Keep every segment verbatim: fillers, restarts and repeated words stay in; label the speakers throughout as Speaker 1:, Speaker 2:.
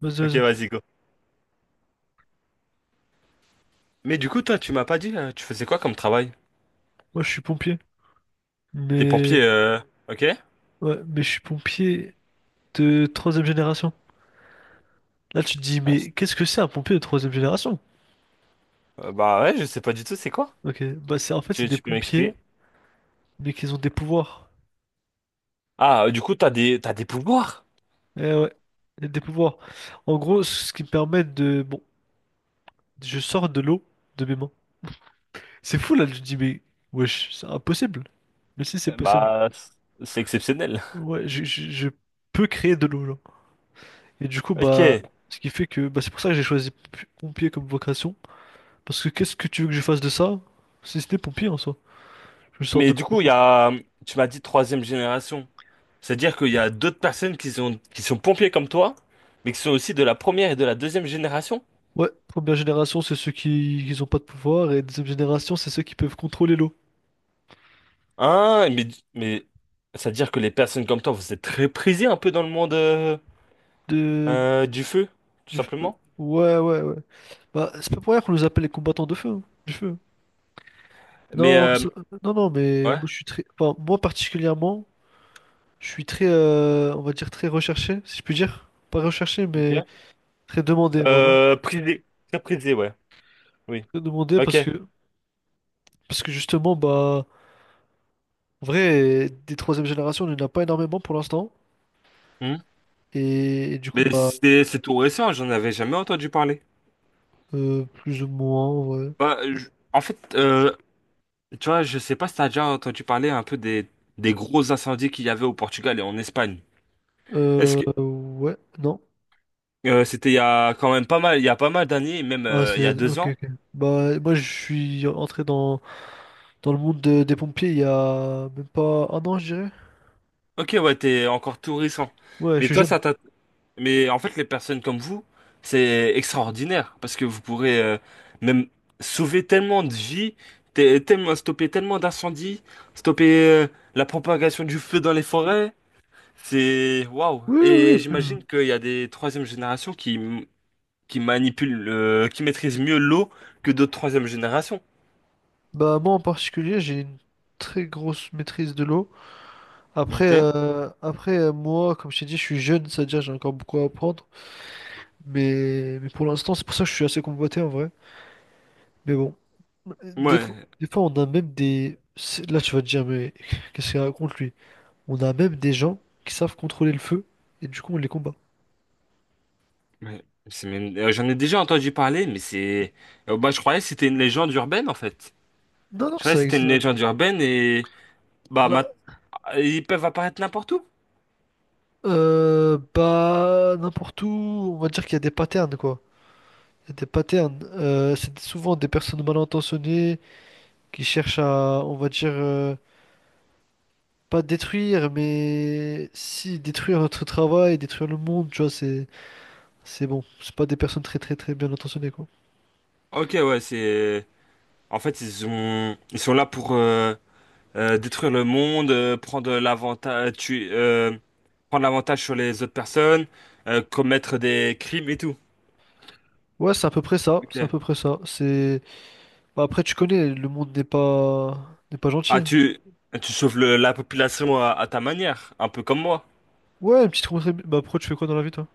Speaker 1: Vas-y,
Speaker 2: Ok,
Speaker 1: vas-y.
Speaker 2: vas-y, go. Mais du coup, toi, tu m'as pas dit, euh, tu faisais quoi comme travail?
Speaker 1: Moi, je suis pompier,
Speaker 2: T'es
Speaker 1: mais
Speaker 2: pompier, euh... ok?
Speaker 1: ouais, mais je suis pompier de troisième génération. Là, tu te dis,
Speaker 2: Ah,
Speaker 1: mais
Speaker 2: c'est-
Speaker 1: qu'est-ce que c'est un pompier de troisième génération?
Speaker 2: Euh, bah ouais, je sais pas du tout, c'est quoi?
Speaker 1: Ok, bah c'est en fait c'est
Speaker 2: Tu,
Speaker 1: des
Speaker 2: tu peux
Speaker 1: pompiers,
Speaker 2: m'expliquer?
Speaker 1: mais qu'ils ont des pouvoirs.
Speaker 2: Ah, euh, du coup, t'as des, t'as des pouvoirs?
Speaker 1: Eh ouais, des pouvoirs. En gros, ce qui me permet de, bon, je sors de l'eau de mes mains. C'est fou là, je te dis, mais wesh, c'est impossible. Mais si, c'est
Speaker 2: Euh,
Speaker 1: possible.
Speaker 2: Bah, c'est exceptionnel.
Speaker 1: Ouais, je, je, je peux créer de l'eau, genre. Et du coup, bah,
Speaker 2: Ok.
Speaker 1: ce qui fait que, bah, c'est pour ça que j'ai choisi pompier comme vocation. Parce que qu'est-ce que tu veux que je fasse de ça? Si ce n'est pour pire en soi. Je sors
Speaker 2: Mais
Speaker 1: de...
Speaker 2: du coup, il y a, hum, tu m'as dit troisième génération. C'est-à-dire qu'il y a d'autres personnes qui sont, qui sont pompiers comme toi, mais qui sont aussi de la première et de la deuxième génération?
Speaker 1: Ouais, première génération, c'est ceux qui n'ont pas de pouvoir, et deuxième génération, c'est ceux qui peuvent contrôler l'eau.
Speaker 2: Ah, mais, mais, c'est-à-dire que les personnes comme toi, vous êtes très prisées un peu dans le monde, euh,
Speaker 1: De...
Speaker 2: euh, du feu, tout
Speaker 1: du- euh,
Speaker 2: simplement?
Speaker 1: ouais, ouais, ouais. Bah, c'est pas pour rien qu'on nous appelle les combattants de feu, hein, du feu, hein.
Speaker 2: Mais
Speaker 1: Non,
Speaker 2: euh,
Speaker 1: ça- non, non, mais moi
Speaker 2: ouais,
Speaker 1: je suis très... Enfin, moi particulièrement, je suis très, euh, on va dire, très recherché, si je puis dire. Pas recherché, mais
Speaker 2: ok.
Speaker 1: très demandé, voilà.
Speaker 2: Euh, prisé, très prisé, ouais. Oui.
Speaker 1: Très demandé
Speaker 2: Ok.
Speaker 1: parce que, parce que justement, bah, en vrai, des troisième génération, il n'y en a pas énormément pour l'instant.
Speaker 2: Hmm.
Speaker 1: Et, et du coup,
Speaker 2: Mais
Speaker 1: bah,
Speaker 2: c'est c'est tout récent, j'en avais jamais entendu parler.
Speaker 1: euh, plus ou moins, en vrai.
Speaker 2: Bah, je- en fait, euh, Tu vois, je sais pas si t'as déjà entendu parler un peu des des gros incendies qu'il y avait au Portugal et en Espagne. Est-ce
Speaker 1: Euh,
Speaker 2: que
Speaker 1: ouais, non.
Speaker 2: euh, c'était il y a quand même pas mal, il y a pas mal d'années, même
Speaker 1: Ah,
Speaker 2: euh, il y
Speaker 1: c'est...
Speaker 2: a deux
Speaker 1: Ok,
Speaker 2: ans.
Speaker 1: ok. Bah, moi, je suis entré dans, dans le monde de- des pompiers il y a même pas un an, je dirais.
Speaker 2: Ok, ouais, t'es encore tout récent.
Speaker 1: Ouais, je
Speaker 2: Mais
Speaker 1: suis
Speaker 2: toi,
Speaker 1: jeune.
Speaker 2: ça t'a Mais en fait, les personnes comme vous, c'est extraordinaire parce que vous pourrez euh, même sauver tellement de vies, te- tellement, stopper tellement d'incendies, stopper euh, la propagation du feu dans les forêts. C'est waouh!
Speaker 1: Oui, oui,
Speaker 2: Et
Speaker 1: oui.
Speaker 2: j'imagine qu'il y a des troisième générations qui, m- qui manipulent, euh, qui maîtrisent mieux l'eau que d'autres troisième générations.
Speaker 1: Bah, moi, en particulier, j'ai une très grosse maîtrise de l'eau. Après,
Speaker 2: Ok?
Speaker 1: euh, après euh, moi, comme je t'ai dit, je suis jeune, c'est-à-dire j'ai encore beaucoup à apprendre. Mais, mais pour l'instant, c'est pour ça que je suis assez convoité, en vrai. Mais bon, des fois,
Speaker 2: Ouais.
Speaker 1: des fois, on a même des... c'est- Là, tu vas te dire, mais qu'est-ce qu'il raconte, lui? On a même des gens qui savent contrôler le feu, et du coup, on les combat.
Speaker 2: Ouais. C'est même- euh, J'en ai déjà entendu parler, mais c'est. euh, bah, je croyais que c'était une légende urbaine en fait.
Speaker 1: Non, non,
Speaker 2: Je croyais que
Speaker 1: ça
Speaker 2: c'était
Speaker 1: existe
Speaker 2: une
Speaker 1: vraiment.
Speaker 2: légende urbaine et. Bah,
Speaker 1: Bah,
Speaker 2: ma- Ils peuvent apparaître n'importe où.
Speaker 1: euh, bah, n'importe où, on va dire qu'il y a des patterns, quoi. Il y a des patterns. Euh, c'est souvent des personnes mal intentionnées qui cherchent à, on va dire, euh, pas détruire, mais si, détruire notre travail, détruire le monde, tu vois, c'est, c'est bon. C'est pas des personnes très, très, très bien intentionnées, quoi.
Speaker 2: Ok, ouais, c'est. En fait, ils ont... ils sont là pour euh, euh, détruire le monde, euh, prendre l'avantage, euh, tu... euh, prendre l'avantage sur les autres personnes, euh, commettre des crimes et tout.
Speaker 1: Ouais, c'est à peu près ça, c'est à
Speaker 2: Ok.
Speaker 1: peu près ça. C'est bah, après tu connais, le monde n'est pas n'est pas
Speaker 2: Ah,
Speaker 1: gentil.
Speaker 2: tu, Tu sauves le- la population à, à ta manière, un peu comme moi.
Speaker 1: Ouais, une petite contrée. Bah après tu fais quoi dans la vie toi?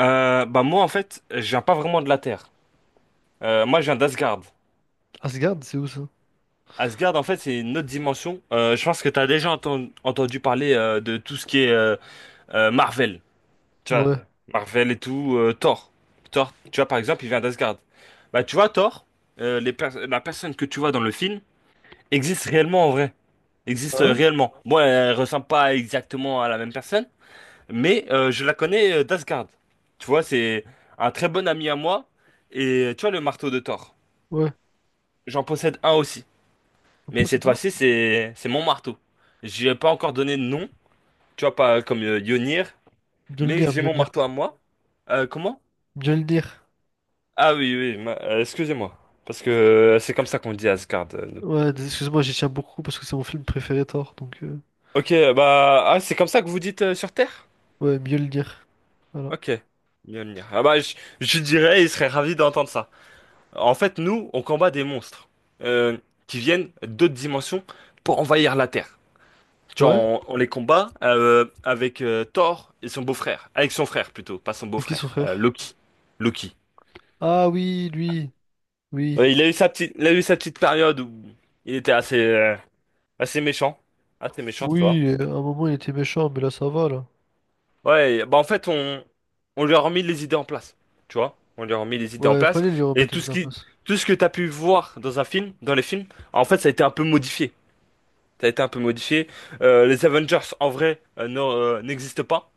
Speaker 2: Euh, bah moi en fait, je viens pas vraiment de la Terre. Euh, moi, je viens d'Asgard.
Speaker 1: Asgard, c'est où ça?
Speaker 2: Asgard, en fait, c'est une autre dimension. Euh, je pense que t'as déjà enten- entendu parler euh, de tout ce qui est euh, euh, Marvel. Tu vois,
Speaker 1: Ouais.
Speaker 2: Marvel et tout, euh, Thor. Thor, tu vois, par exemple, il vient d'Asgard. Bah, tu vois, Thor, euh, les pers- la personne que tu vois dans le film existe réellement en vrai. Existe
Speaker 1: Ah
Speaker 2: euh,
Speaker 1: ouais?
Speaker 2: réellement. Bon, elle ressemble pas exactement à la même personne, mais euh, je la connais euh, d'Asgard. Tu vois, c'est un très bon ami à moi. Et tu vois, le marteau de Thor.
Speaker 1: Ouais.
Speaker 2: J'en possède un aussi.
Speaker 1: Un
Speaker 2: Mais
Speaker 1: peu ça
Speaker 2: cette
Speaker 1: dedans?
Speaker 2: fois-ci, c'est c'est mon marteau. J'ai pas encore donné de nom, tu vois, pas comme euh, Yonir, mais
Speaker 1: Mjolnir,
Speaker 2: j'ai mon
Speaker 1: Mjolnir.
Speaker 2: marteau à moi. Euh, comment?
Speaker 1: Mjolnir.
Speaker 2: Ah oui, oui, ma- euh, excusez-moi. Parce que euh, c'est comme ça qu'on dit Asgard. euh, nous.
Speaker 1: Ouais, d- excuse-moi, j'y tiens beaucoup parce que c'est mon film préféré Thor, donc euh,
Speaker 2: Ok, bah, ah, c'est comme ça que vous dites euh, sur Terre?
Speaker 1: ouais, Mjolnir. Voilà.
Speaker 2: Ok. Mjolnir. Ah bah, je, je dirais, il serait ravi d'entendre ça. En fait, nous, on combat des monstres euh, qui viennent d'autres dimensions pour envahir la Terre. Tu vois,
Speaker 1: Ouais?
Speaker 2: on, on les combat euh, avec euh, Thor et son beau-frère. Avec son frère, plutôt, pas son
Speaker 1: C'est qui son
Speaker 2: beau-frère. euh,
Speaker 1: frère?
Speaker 2: Loki. Loki.
Speaker 1: Ah oui, lui. Oui.
Speaker 2: Ouais, il a eu sa petite, il a eu sa petite période où il était assez, euh, assez méchant. Assez méchant, tu vois.
Speaker 1: Oui, euh, à un moment il était méchant, mais là ça va là.
Speaker 2: Ouais, bah en fait, on, on lui a remis les idées en place. Tu vois? On lui a remis les idées en
Speaker 1: Ouais,
Speaker 2: place.
Speaker 1: fallait lui
Speaker 2: Et
Speaker 1: remettre
Speaker 2: tout
Speaker 1: les idées
Speaker 2: ce
Speaker 1: en
Speaker 2: qui,
Speaker 1: place.
Speaker 2: tout ce que t'as pu voir dans un film, dans les films, en fait, ça a été un peu modifié. Ça a été un peu modifié. Euh, les Avengers, en vrai, euh, ne- euh, n'existent pas.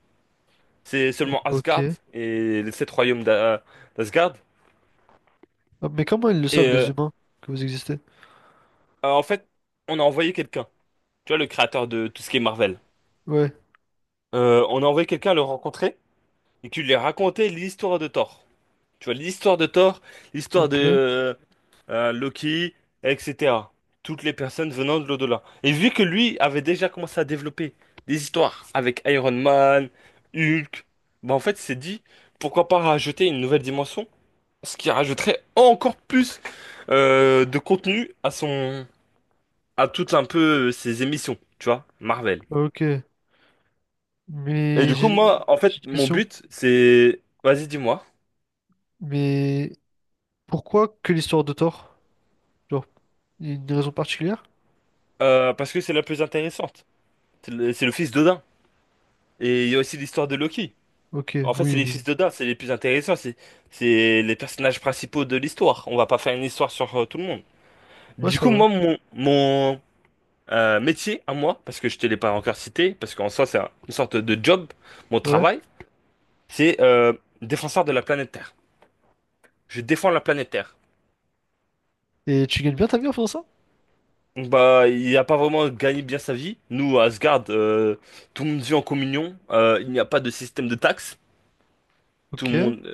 Speaker 2: C'est seulement Asgard
Speaker 1: Ok.
Speaker 2: et les sept royaumes d'A- d'Asgard.
Speaker 1: Ah, mais comment ils le
Speaker 2: Et
Speaker 1: savent les
Speaker 2: euh,
Speaker 1: humains que vous existez?
Speaker 2: euh, En fait, on a envoyé quelqu'un. Tu vois, le créateur de tout ce qui est Marvel.
Speaker 1: Ouais,
Speaker 2: Euh, on a envoyé quelqu'un le rencontrer et qui lui a raconté l'histoire de Thor. Tu vois, l'histoire de Thor, l'histoire de
Speaker 1: ok,
Speaker 2: euh, euh, Loki, et cætera. Toutes les personnes venant de l'au-delà. Et vu que lui avait déjà commencé à développer des histoires avec Iron Man, Hulk, bah en fait, il s'est dit, pourquoi pas rajouter une nouvelle dimension, ce qui rajouterait encore plus euh, de contenu à son, à toutes un peu euh, ses émissions, tu vois, Marvel.
Speaker 1: ok.
Speaker 2: Et
Speaker 1: Mais
Speaker 2: du coup,
Speaker 1: j'ai
Speaker 2: moi, en
Speaker 1: j'ai
Speaker 2: fait,
Speaker 1: une
Speaker 2: mon
Speaker 1: question.
Speaker 2: but, c'est, vas-y, dis-moi,
Speaker 1: Mais pourquoi que l'histoire de Thor? Genre, il y a une raison particulière?
Speaker 2: Euh, parce que c'est la plus intéressante. C'est le, c'est le fils d'Odin. Et il y a aussi l'histoire de Loki.
Speaker 1: Ok,
Speaker 2: En fait, c'est
Speaker 1: oui,
Speaker 2: les
Speaker 1: mais...
Speaker 2: fils d'Odin, c'est les plus intéressants, c'est c'est les personnages principaux de l'histoire. On va pas faire une histoire sur euh, tout le monde.
Speaker 1: ouais,
Speaker 2: Du
Speaker 1: c'est
Speaker 2: coup,
Speaker 1: vrai.
Speaker 2: moi, mon, mon euh, métier à moi, parce que je te l'ai pas encore cité, parce qu'en soi, c'est un- une sorte de job, mon
Speaker 1: Ouais.
Speaker 2: travail, c'est euh, défenseur de la planète Terre. Je défends la planète Terre.
Speaker 1: Et tu gagnes bien ta vie en faisant ça?
Speaker 2: Donc, bah, il a pas vraiment gagné bien sa vie. Nous, à Asgard, euh, tout le monde vit en communion. Euh, il n'y a pas de système de taxes. Tout
Speaker 1: Ok,
Speaker 2: le monde, euh,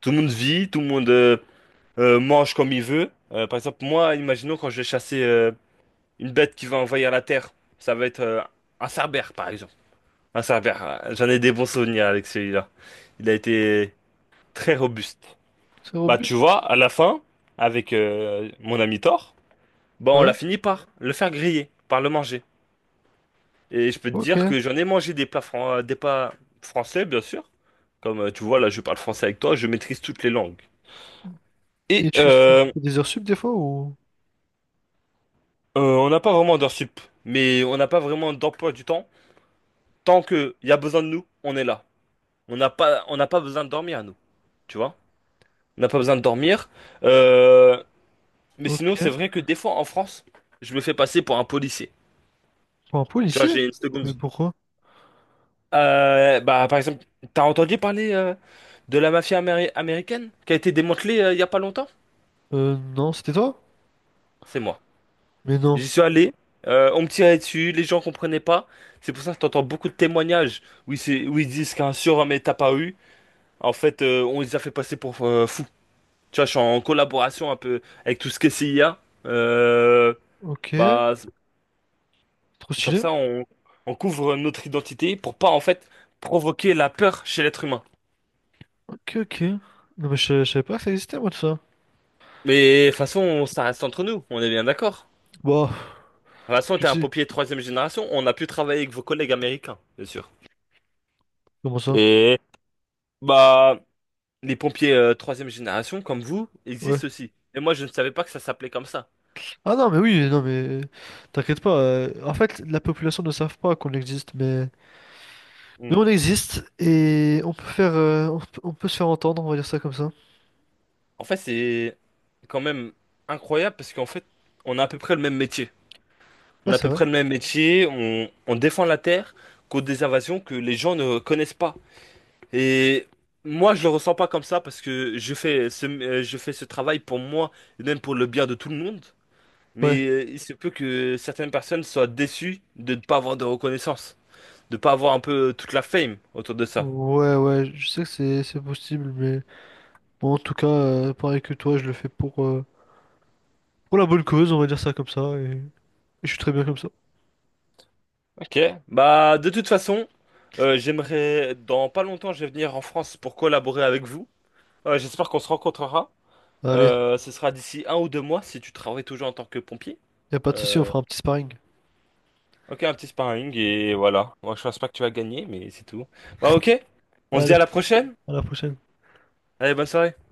Speaker 2: tout le monde vit, tout le monde. euh, euh, mange comme il veut. Euh, par exemple, moi, imaginons quand je vais chasser euh, une bête qui va envahir la Terre, ça va être euh, un cerbère, par exemple. Un cerbère, euh, j'en ai des bons souvenirs avec celui-là. Il a été très robuste.
Speaker 1: c'est
Speaker 2: Bah, tu
Speaker 1: robuste.
Speaker 2: vois, à la fin, avec euh, mon ami Thor, bah, on l'a
Speaker 1: Ouais,
Speaker 2: fini par le faire griller, par le manger. Et je peux te dire
Speaker 1: ok.
Speaker 2: que j'en ai mangé des plats, fran- euh, des plats français, bien sûr. Comme euh, tu vois, là, je parle français avec toi, je maîtrise toutes les langues.
Speaker 1: Et
Speaker 2: Et
Speaker 1: tu, tu
Speaker 2: euh,
Speaker 1: fais des heures sup des fois ou...
Speaker 2: Euh, on n'a pas vraiment d'heures sup, mais on n'a pas vraiment d'emploi du temps. Tant qu'il y a besoin de nous, on est là. On n'a pas, on n'a pas besoin de dormir à nous, tu vois? On n'a pas besoin de dormir. Euh, mais sinon, c'est
Speaker 1: Ok.
Speaker 2: vrai que des fois en France, je me fais passer pour un policier.
Speaker 1: Pour un
Speaker 2: Tu vois,
Speaker 1: policier?
Speaker 2: j'ai une seconde
Speaker 1: Mais
Speaker 2: vie.
Speaker 1: pourquoi?
Speaker 2: Euh, bah, par exemple, t'as entendu parler euh, de la mafia améri- américaine qui a été démantelée euh, il y a pas longtemps?
Speaker 1: Euh, non, c'était toi?
Speaker 2: C'est moi.
Speaker 1: Mais non.
Speaker 2: J'y suis allé, euh, on me tirait dessus, les gens comprenaient pas. C'est pour ça que t'entends beaucoup de témoignages où ils, se- où ils disent qu'un surhomme est apparu. En fait, euh, on les a fait passer pour euh, fous. Tu vois, je suis en collaboration un peu avec tout ce que C I A. Euh,
Speaker 1: Ok.
Speaker 2: bah, c-
Speaker 1: Trop
Speaker 2: Comme
Speaker 1: stylé.
Speaker 2: ça, on, on couvre notre identité pour pas, en fait, provoquer la peur chez l'être humain.
Speaker 1: Ok, ok. Non, mais je, je savais pas que ça existait, moi, tout ça.
Speaker 2: Mais de toute façon, ça reste entre nous, on est bien d'accord.
Speaker 1: Bah,
Speaker 2: De toute façon,
Speaker 1: tu
Speaker 2: t'es un
Speaker 1: sais.
Speaker 2: pompier troisième génération, on a pu travailler avec vos collègues américains, bien sûr.
Speaker 1: Comment ça?
Speaker 2: Et bah, les pompiers euh, troisième génération, comme vous,
Speaker 1: Ouais.
Speaker 2: existent aussi. Et moi, je ne savais pas que ça s'appelait comme ça.
Speaker 1: Ah non, mais oui, non, mais t'inquiète pas. euh, En fait, la population ne savent pas qu'on existe, mais... mais on existe et on peut faire, euh, on peut, on peut se faire entendre, on va dire ça comme ça.
Speaker 2: En fait, c'est quand même incroyable parce qu'en fait, on a à peu près le même métier. On
Speaker 1: Ouais,
Speaker 2: a à
Speaker 1: c'est
Speaker 2: peu
Speaker 1: vrai.
Speaker 2: près le même métier, on, on défend la terre contre des invasions que les gens ne connaissent pas. Et moi, je le ressens pas comme ça parce que je fais ce, euh, je fais ce travail pour moi et même pour le bien de tout le monde.
Speaker 1: Ouais.
Speaker 2: Mais euh, il se peut que certaines personnes soient déçues de ne pas avoir de reconnaissance, de ne pas avoir un peu toute la fame autour de ça.
Speaker 1: Ouais, ouais, je sais que c'est c'est possible, mais bon, en tout cas, euh, pareil que toi, je le fais pour, euh, pour la bonne cause, on va dire ça comme ça, et, et je suis très bien comme ça.
Speaker 2: Ok, bah de toute façon, euh, j'aimerais dans pas longtemps, je vais venir en France pour collaborer avec vous. Euh, j'espère qu'on se rencontrera.
Speaker 1: Allez,
Speaker 2: Euh, ce sera d'ici un ou deux mois si tu travailles toujours en tant que pompier.
Speaker 1: y a pas de souci, on
Speaker 2: Euh,
Speaker 1: fera un petit sparring.
Speaker 2: ok, un petit sparring et voilà. Moi, je pense pas que tu vas gagner, mais c'est tout. Bah ok, on se dit à
Speaker 1: Allez,
Speaker 2: la prochaine.
Speaker 1: à la prochaine.
Speaker 2: Allez, bonne soirée.